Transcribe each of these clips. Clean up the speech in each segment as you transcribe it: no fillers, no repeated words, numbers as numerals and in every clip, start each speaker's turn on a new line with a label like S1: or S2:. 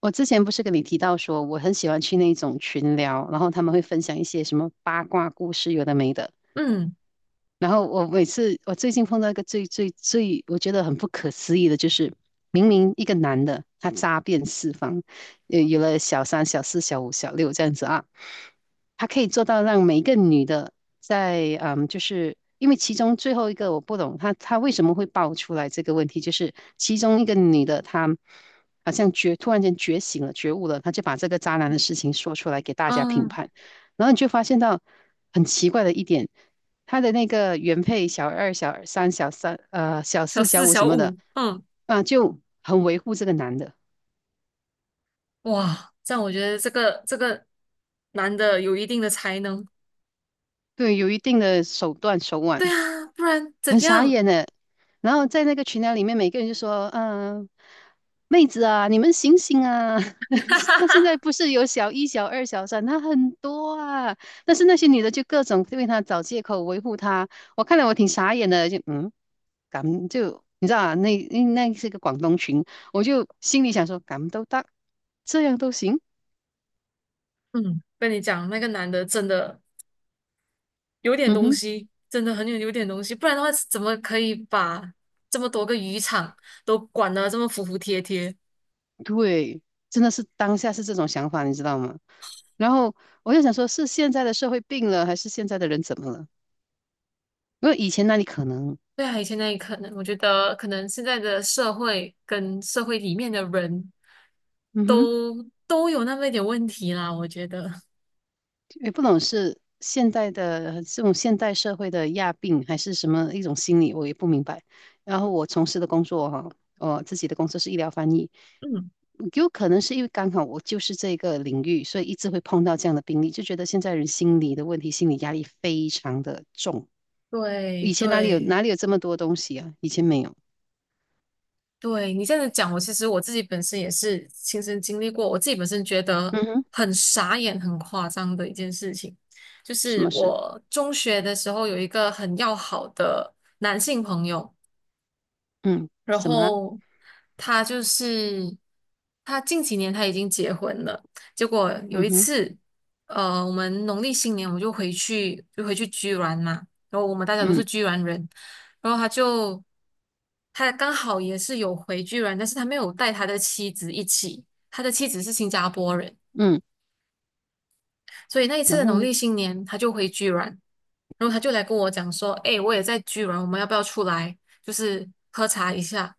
S1: 我之前不是跟你提到说，我很喜欢去那种群聊，然后他们会分享一些什么八卦故事，有的没的。
S2: 嗯
S1: 然后我每次我最近碰到一个最最最我觉得很不可思议的，就是明明一个男的他渣遍四方，有了小三、小四、小五、小六这样子啊，他可以做到让每一个女的就是因为其中最后一个我不懂他为什么会爆出来这个问题，就是其中一个女的她好像突然间觉醒了、觉悟了，她就把这个渣男的事情说出来给大家评
S2: 嗯，
S1: 判，然后你就发现到很奇怪的一点。他的那个原配小二、小
S2: 小
S1: 四、小
S2: 四
S1: 五什
S2: 小
S1: 么的，
S2: 五，
S1: 啊，就很维护这个男的，
S2: 哇，这样我觉得这个男的有一定的才能。
S1: 对，有一定的手段手腕。
S2: 对啊，不然怎
S1: 很傻
S2: 样？
S1: 眼的，然后在那个群聊里面，每个人就说："嗯、妹子啊，你们醒醒啊！他现在不是有小一、小二、小三，他很多啊。但是那些女的就各种为他找借口维护他，我看了我挺傻眼的，敢就你知道啊，那是个广东群，我就心里想说，敢都得，这样都行，
S2: 嗯，跟你讲，那个男的真的有点
S1: 嗯
S2: 东
S1: 哼。"
S2: 西，真的很有点东西，不然的话怎么可以把这么多个渔场都管得这么服服帖帖？
S1: 对，真的是当下是这种想法，你知道吗？然后我就想说，是现在的社会病了，还是现在的人怎么了？因为以前那里可能，
S2: 对啊，以前那里可能我觉得可能现在的社会跟社会里面的人
S1: 嗯哼，
S2: 都有那么一点问题啦，我觉得。
S1: 也不懂是现代的这种现代社会的亚病，还是什么一种心理，我也不明白。然后我从事的工作哈，我自己的工作是医疗翻译，
S2: 嗯。
S1: 有可能是因为刚好我就是这个领域，所以一直会碰到这样的病例，就觉得现在人心理的问题，心理压力非常的重。
S2: 对
S1: 以前哪里有
S2: 对
S1: 哪里有这么多东西啊？以前没有。
S2: 对，你这样子讲，我其实我自己本身也是亲身经历过，我自己本身觉得
S1: 嗯哼，
S2: 很傻眼、很夸张的一件事情，就
S1: 什
S2: 是
S1: 么事？
S2: 我中学的时候有一个很要好的男性朋友。
S1: 嗯，
S2: 然
S1: 怎么啦？
S2: 后他就是他近几年他已经结婚了。结果有
S1: 嗯
S2: 一
S1: 哼，
S2: 次，我们农历新年我们就回去居銮嘛。然后我们大家都
S1: 嗯
S2: 是居銮人。然后他刚好也是有回居銮，但是他没有带他的妻子一起，他的妻子是新加坡人。
S1: 嗯，
S2: 所以那一次
S1: 然
S2: 的
S1: 后
S2: 农
S1: 呢？
S2: 历新年他就回居銮。然后他就来跟我讲说，哎，我也在居然，我们要不要出来，就是喝茶一下？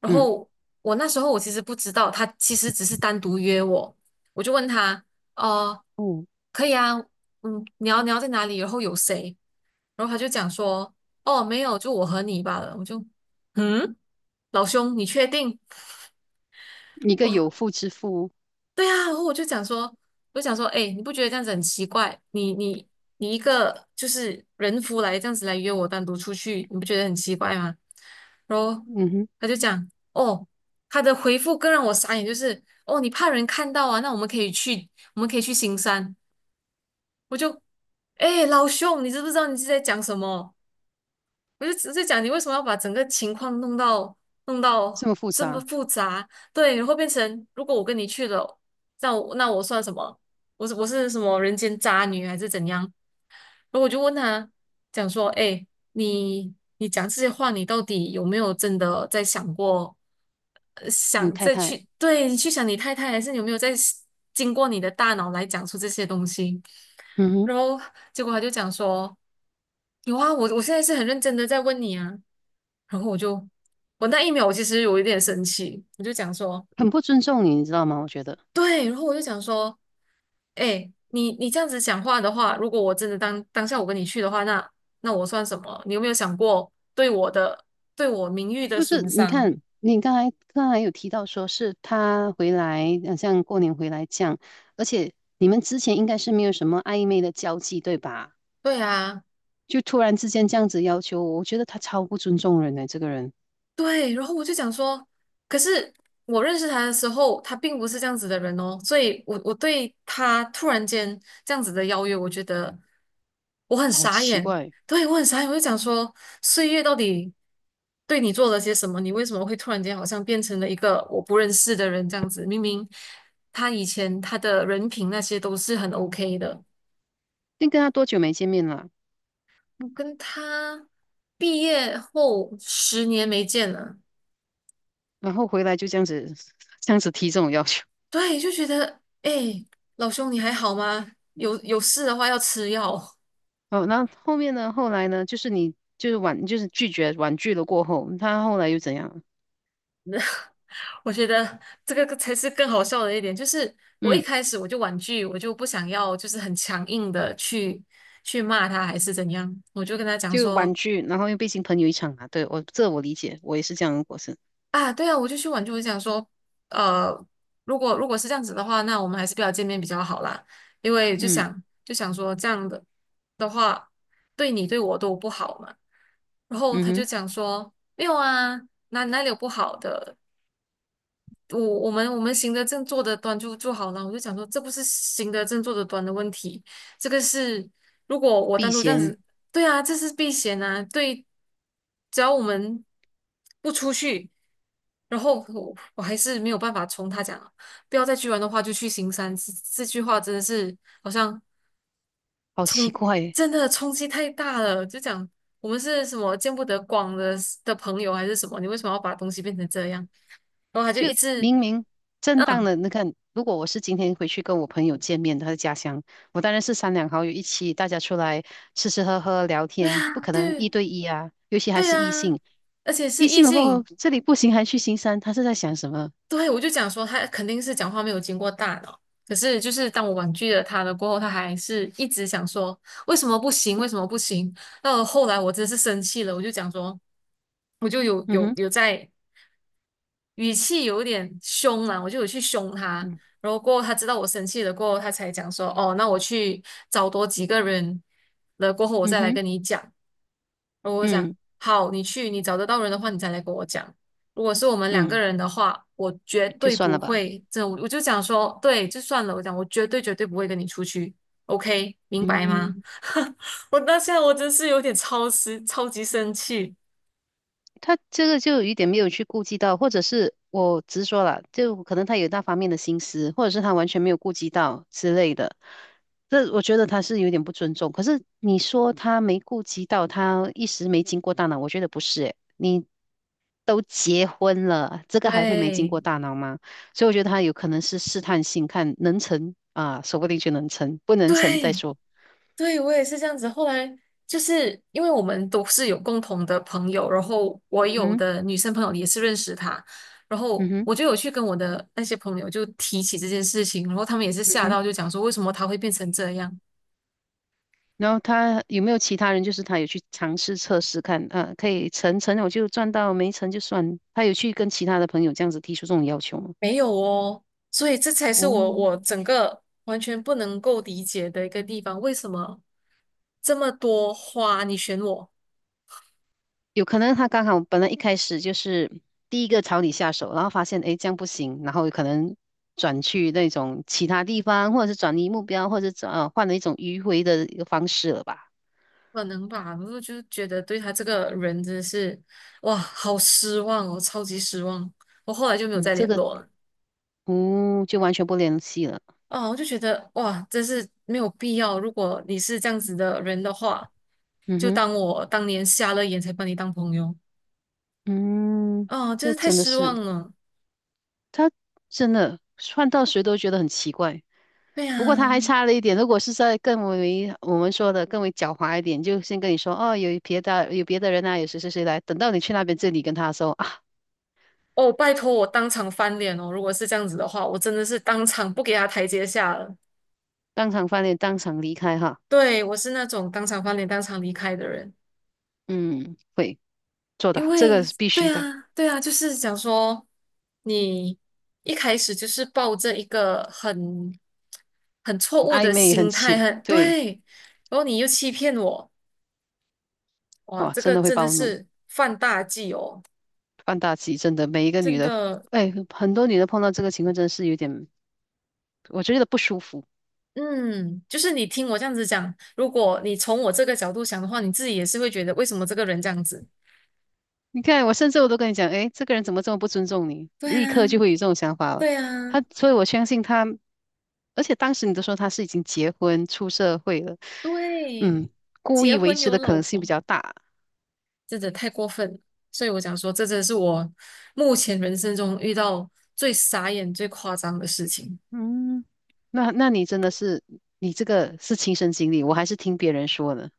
S2: 然
S1: 嗯，
S2: 后我那时候我其实不知道，他其实只是单独约我。我就问他，哦，
S1: 哦，
S2: 可以啊，嗯，你要在哪里？然后有谁？然后他就讲说，哦，没有，就我和你罢了。我就，嗯，老兄，你确定？
S1: 一个
S2: 我
S1: 有妇之夫，
S2: 对啊。然后我就讲说，我就讲说，哎，你不觉得这样子很奇怪？你一个就是人夫来这样子来约我单独出去，你不觉得很奇怪吗？然后
S1: 嗯哼，
S2: 他就讲，哦，他的回复更让我傻眼，就是哦，你怕人看到啊？那我们可以去，我们可以去行山。我就，哎，老兄，你知不知道你是在讲什么？我就只是讲你为什么要把整个情况弄到弄
S1: 这
S2: 到
S1: 么复
S2: 这么
S1: 杂，
S2: 复杂？对。然后变成如果我跟你去了，那我算什么？我是我是什么人间渣女还是怎样？然后我就问他，讲说，哎，你你讲这些话，你到底有没有真的在想过，
S1: 你
S2: 想
S1: 太
S2: 再
S1: 太，
S2: 去，对，你去想你太太，还是你有没有在经过你的大脑来讲出这些东西？
S1: 嗯哼，
S2: 然后结果他就讲说，有啊，我现在是很认真的在问你啊。然后我就，我那一秒我其实有一点生气，我就讲说，
S1: 很不尊重你，你知道吗？我觉得
S2: 对。然后我就讲说，哎，你这样子讲话的话，如果我真的当下我跟你去的话，那我算什么？你有没有想过对我的对我名誉的
S1: 不是，
S2: 损
S1: 你
S2: 伤？
S1: 看你刚才有提到说是他回来，好像过年回来这样，而且你们之前应该是没有什么暧昧的交际，对吧？
S2: 对啊。
S1: 就突然之间这样子要求我，我觉得他超不尊重人的这个人
S2: 对。然后我就讲说，可是我认识他的时候，他并不是这样子的人哦。所以我对他突然间这样子的邀约，我觉得我很
S1: 好
S2: 傻
S1: 奇
S2: 眼。
S1: 怪。
S2: 对，我很傻眼。我就讲说，岁月到底对你做了些什么？你为什么会突然间好像变成了一个我不认识的人这样子？明明他以前他的人品那些都是很 OK 的。
S1: 先跟他多久没见面了，
S2: 我跟他毕业后10年没见了。
S1: 然后回来就这样子，这样子提这种要求。
S2: 对，就觉得，哎，老兄你还好吗？有事的话要吃药。
S1: 哦，那后面呢？后来呢？就是你就是婉，就是拒绝婉拒了过后，他后来又怎样？
S2: 我觉得这个才是更好笑的一点，就是我一
S1: 嗯，
S2: 开始我就婉拒，我就不想要，就是很强硬的去骂他还是怎样，我就跟他讲
S1: 就婉
S2: 说
S1: 拒，然后又被新朋友一场啊。对，我理解，我也是这样的过程。
S2: 啊。对啊，我就去婉拒，我就想说，呃，如果是这样子的话，那我们还是不要见面比较好啦，因为就
S1: 嗯
S2: 想就想说这样的话，对你对我都不好嘛。然后
S1: 嗯
S2: 他就
S1: 哼，
S2: 讲说，没有啊，哪里有不好的？我们行得正坐得端就好了。我就讲说，这不是行得正坐得端的问题，这个是如果我
S1: 避
S2: 单独这样
S1: 嫌，
S2: 子，对啊，这是避嫌啊，对，只要我们不出去，然后我还是没有办法从他讲啊，不要再去玩的话就去行山，这句话真的是好像
S1: 好奇
S2: 冲
S1: 怪耶
S2: 真的冲击太大了，就讲我们是什么见不得光的朋友还是什么？你为什么要把东西变成这样？然后他就
S1: 就
S2: 一直
S1: 明明正当
S2: 嗯，
S1: 的，你看，如果我是今天回去跟我朋友见面，他的家乡，我当然是三两好友一起，大家出来吃吃喝喝聊天，不可能一
S2: 对
S1: 对一啊，尤其还
S2: 对
S1: 是异
S2: 啊，
S1: 性。
S2: 而且是
S1: 一
S2: 异
S1: 星了过后，
S2: 性。
S1: 这里不行，还去新山，他是在想什么？
S2: 对我就讲说他肯定是讲话没有经过大脑。可是就是当我婉拒了他了过后，他还是一直想说为什么不行，为什么不行？到了后来我真是生气了，我就讲说，我就有
S1: 嗯
S2: 有
S1: 哼，
S2: 有在。语气有点凶啦，我就有去凶他。
S1: 嗯
S2: 然后过后他知道我生气了，过后他才讲说，哦，那我去找多几个人了，过后我
S1: 嗯
S2: 再来
S1: 哼，
S2: 跟你讲。然后我讲，
S1: 嗯
S2: 好，你去，你找得到人的话，你再来跟我讲。如果是我们两个
S1: 嗯，
S2: 人的话，我绝
S1: 就
S2: 对
S1: 算
S2: 不
S1: 了吧。
S2: 会，这我就讲说，对，就算了，我讲我绝对绝对不会跟你出去，OK，明白吗？
S1: 嗯。
S2: 我当下我真是有点超时，超级生气，
S1: 他这个就有一点没有去顾及到，或者是我直说了，就可能他有那方面的心思，或者是他完全没有顾及到之类的。这我觉得他是有点不尊重。可是你说他没顾及到，他一时没经过大脑，我觉得不是诶，你都结婚了，这个还会没经
S2: 对
S1: 过大脑吗？所以我觉得他有可能是试探性，看能成啊，说不定就能成，不能成再
S2: 对。
S1: 说。
S2: 对，我也是这样子。后来就是因为我们都是有共同的朋友，然后我
S1: 嗯
S2: 有
S1: 哼，
S2: 的女生朋友也是认识他，然
S1: 嗯
S2: 后
S1: 哼，
S2: 我就有去跟我的那些朋友就提起这件事情，然后他们也是
S1: 嗯
S2: 吓
S1: 哼。
S2: 到，就讲说为什么他会变成这样？
S1: 然后他有没有其他人，就是他有去尝试测试看，啊，可以成成我就赚到，没成就算。他有去跟其他的朋友这样子提出这种要求吗？
S2: 没有哦。所以这才是我
S1: 哦，
S2: 我整个完全不能够理解的一个地方，为什么这么多花你选我？
S1: 有可能他刚好本来一开始就是第一个朝你下手，然后发现诶这样不行，然后有可能转去那种其他地方，或者是转移目标，或者转呃换了一种迂回的一个方式了吧？
S2: 可能吧。然后就觉得对他这个人真的是，哇，好失望哦，超级失望。我后来就没有
S1: 嗯，
S2: 再
S1: 这
S2: 联
S1: 个
S2: 络了。
S1: 嗯就完全不联系了。
S2: 啊，我就觉得哇，真是没有必要。如果你是这样子的人的话，
S1: 嗯
S2: 就
S1: 哼，
S2: 当我当年瞎了眼才把你当朋友。
S1: 嗯，
S2: 哦，真
S1: 这
S2: 是太
S1: 真的
S2: 失
S1: 是。
S2: 望了。
S1: 他真的换到谁都觉得很奇怪。
S2: 对呀、
S1: 不过他还差了一点，如果是在更为我们说的更为狡猾一点，就先跟你说哦，有别的人啊，有谁谁谁来。等到你去那边这里跟他说啊，
S2: 哦，拜托我当场翻脸哦。如果是这样子的话，我真的是当场不给他台阶下了。
S1: 当场翻脸，当场离开哈。
S2: 对，我是那种当场翻脸、当场离开的人。
S1: 嗯，会做的，
S2: 因
S1: 这
S2: 为
S1: 个是必须
S2: 对
S1: 的。
S2: 啊，对啊，就是想说，你一开始就是抱着一个很错误
S1: 暧
S2: 的
S1: 昧很
S2: 心态，
S1: 奇，
S2: 很
S1: 对，
S2: 对，然后你又欺骗我，哇，
S1: 哇，
S2: 这
S1: 真
S2: 个
S1: 的会
S2: 真的
S1: 暴怒，
S2: 是犯大忌哦。
S1: 放大忌，真的每一个女
S2: 真
S1: 的，
S2: 的，
S1: 哎，很多女的碰到这个情况真的是有点，我觉得不舒服。
S2: 嗯，就是你听我这样子讲，如果你从我这个角度想的话，你自己也是会觉得为什么这个人这样子？
S1: 你看，我甚至我都跟你讲，哎，这个人怎么这么不尊重你？
S2: 对
S1: 立
S2: 啊，
S1: 刻就会有这种想法了。
S2: 对啊，
S1: 所以我相信他，而且当时你都说他是已经结婚出社会了，
S2: 对，
S1: 嗯，故
S2: 结
S1: 意维
S2: 婚
S1: 持
S2: 有
S1: 的可
S2: 老
S1: 能性比
S2: 婆。
S1: 较大。
S2: 真的太过分了。所以我想说，这真的是我目前人生中遇到最傻眼、最夸张的事情。
S1: 嗯，那你真的是，你这个是亲身经历，我还是听别人说的，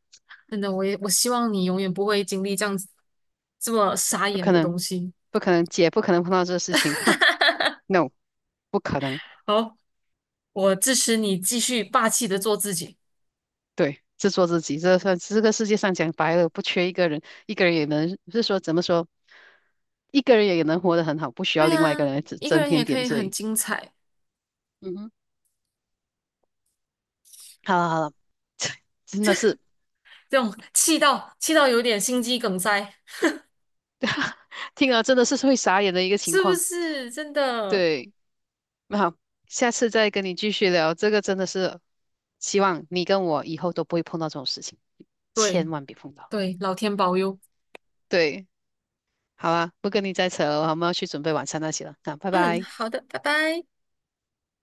S2: 真的，我也我希望你永远不会经历这样子这么傻
S1: 不
S2: 眼
S1: 可
S2: 的东
S1: 能，
S2: 西。
S1: 不可能，姐不可能碰到这个事情，哼 ，no,不可能。
S2: 好，我支持你继续霸气的做自己。
S1: 对，自作自己，这算这个世界上讲白了，不缺一个人，一个人也能，是说怎么说，一个人也能活得很好，不需要
S2: 对
S1: 另外一个
S2: 啊，
S1: 人来增
S2: 一个
S1: 增
S2: 人也
S1: 添
S2: 可
S1: 点
S2: 以很
S1: 缀。
S2: 精彩。
S1: 嗯哼，好了好了，真的是
S2: 这种气到气到有点心肌梗塞，
S1: 听了真的是会傻眼的一个情
S2: 是不
S1: 况。
S2: 是？真的，
S1: 对，那好，下次再跟你继续聊，这个真的是希望你跟我以后都不会碰到这种事情，千
S2: 对
S1: 万别碰到。
S2: 对，老天保佑。
S1: 对，好啊，不跟你再扯了，我们要去准备晚餐那些了，那拜
S2: 嗯，
S1: 拜。
S2: 好的，拜拜。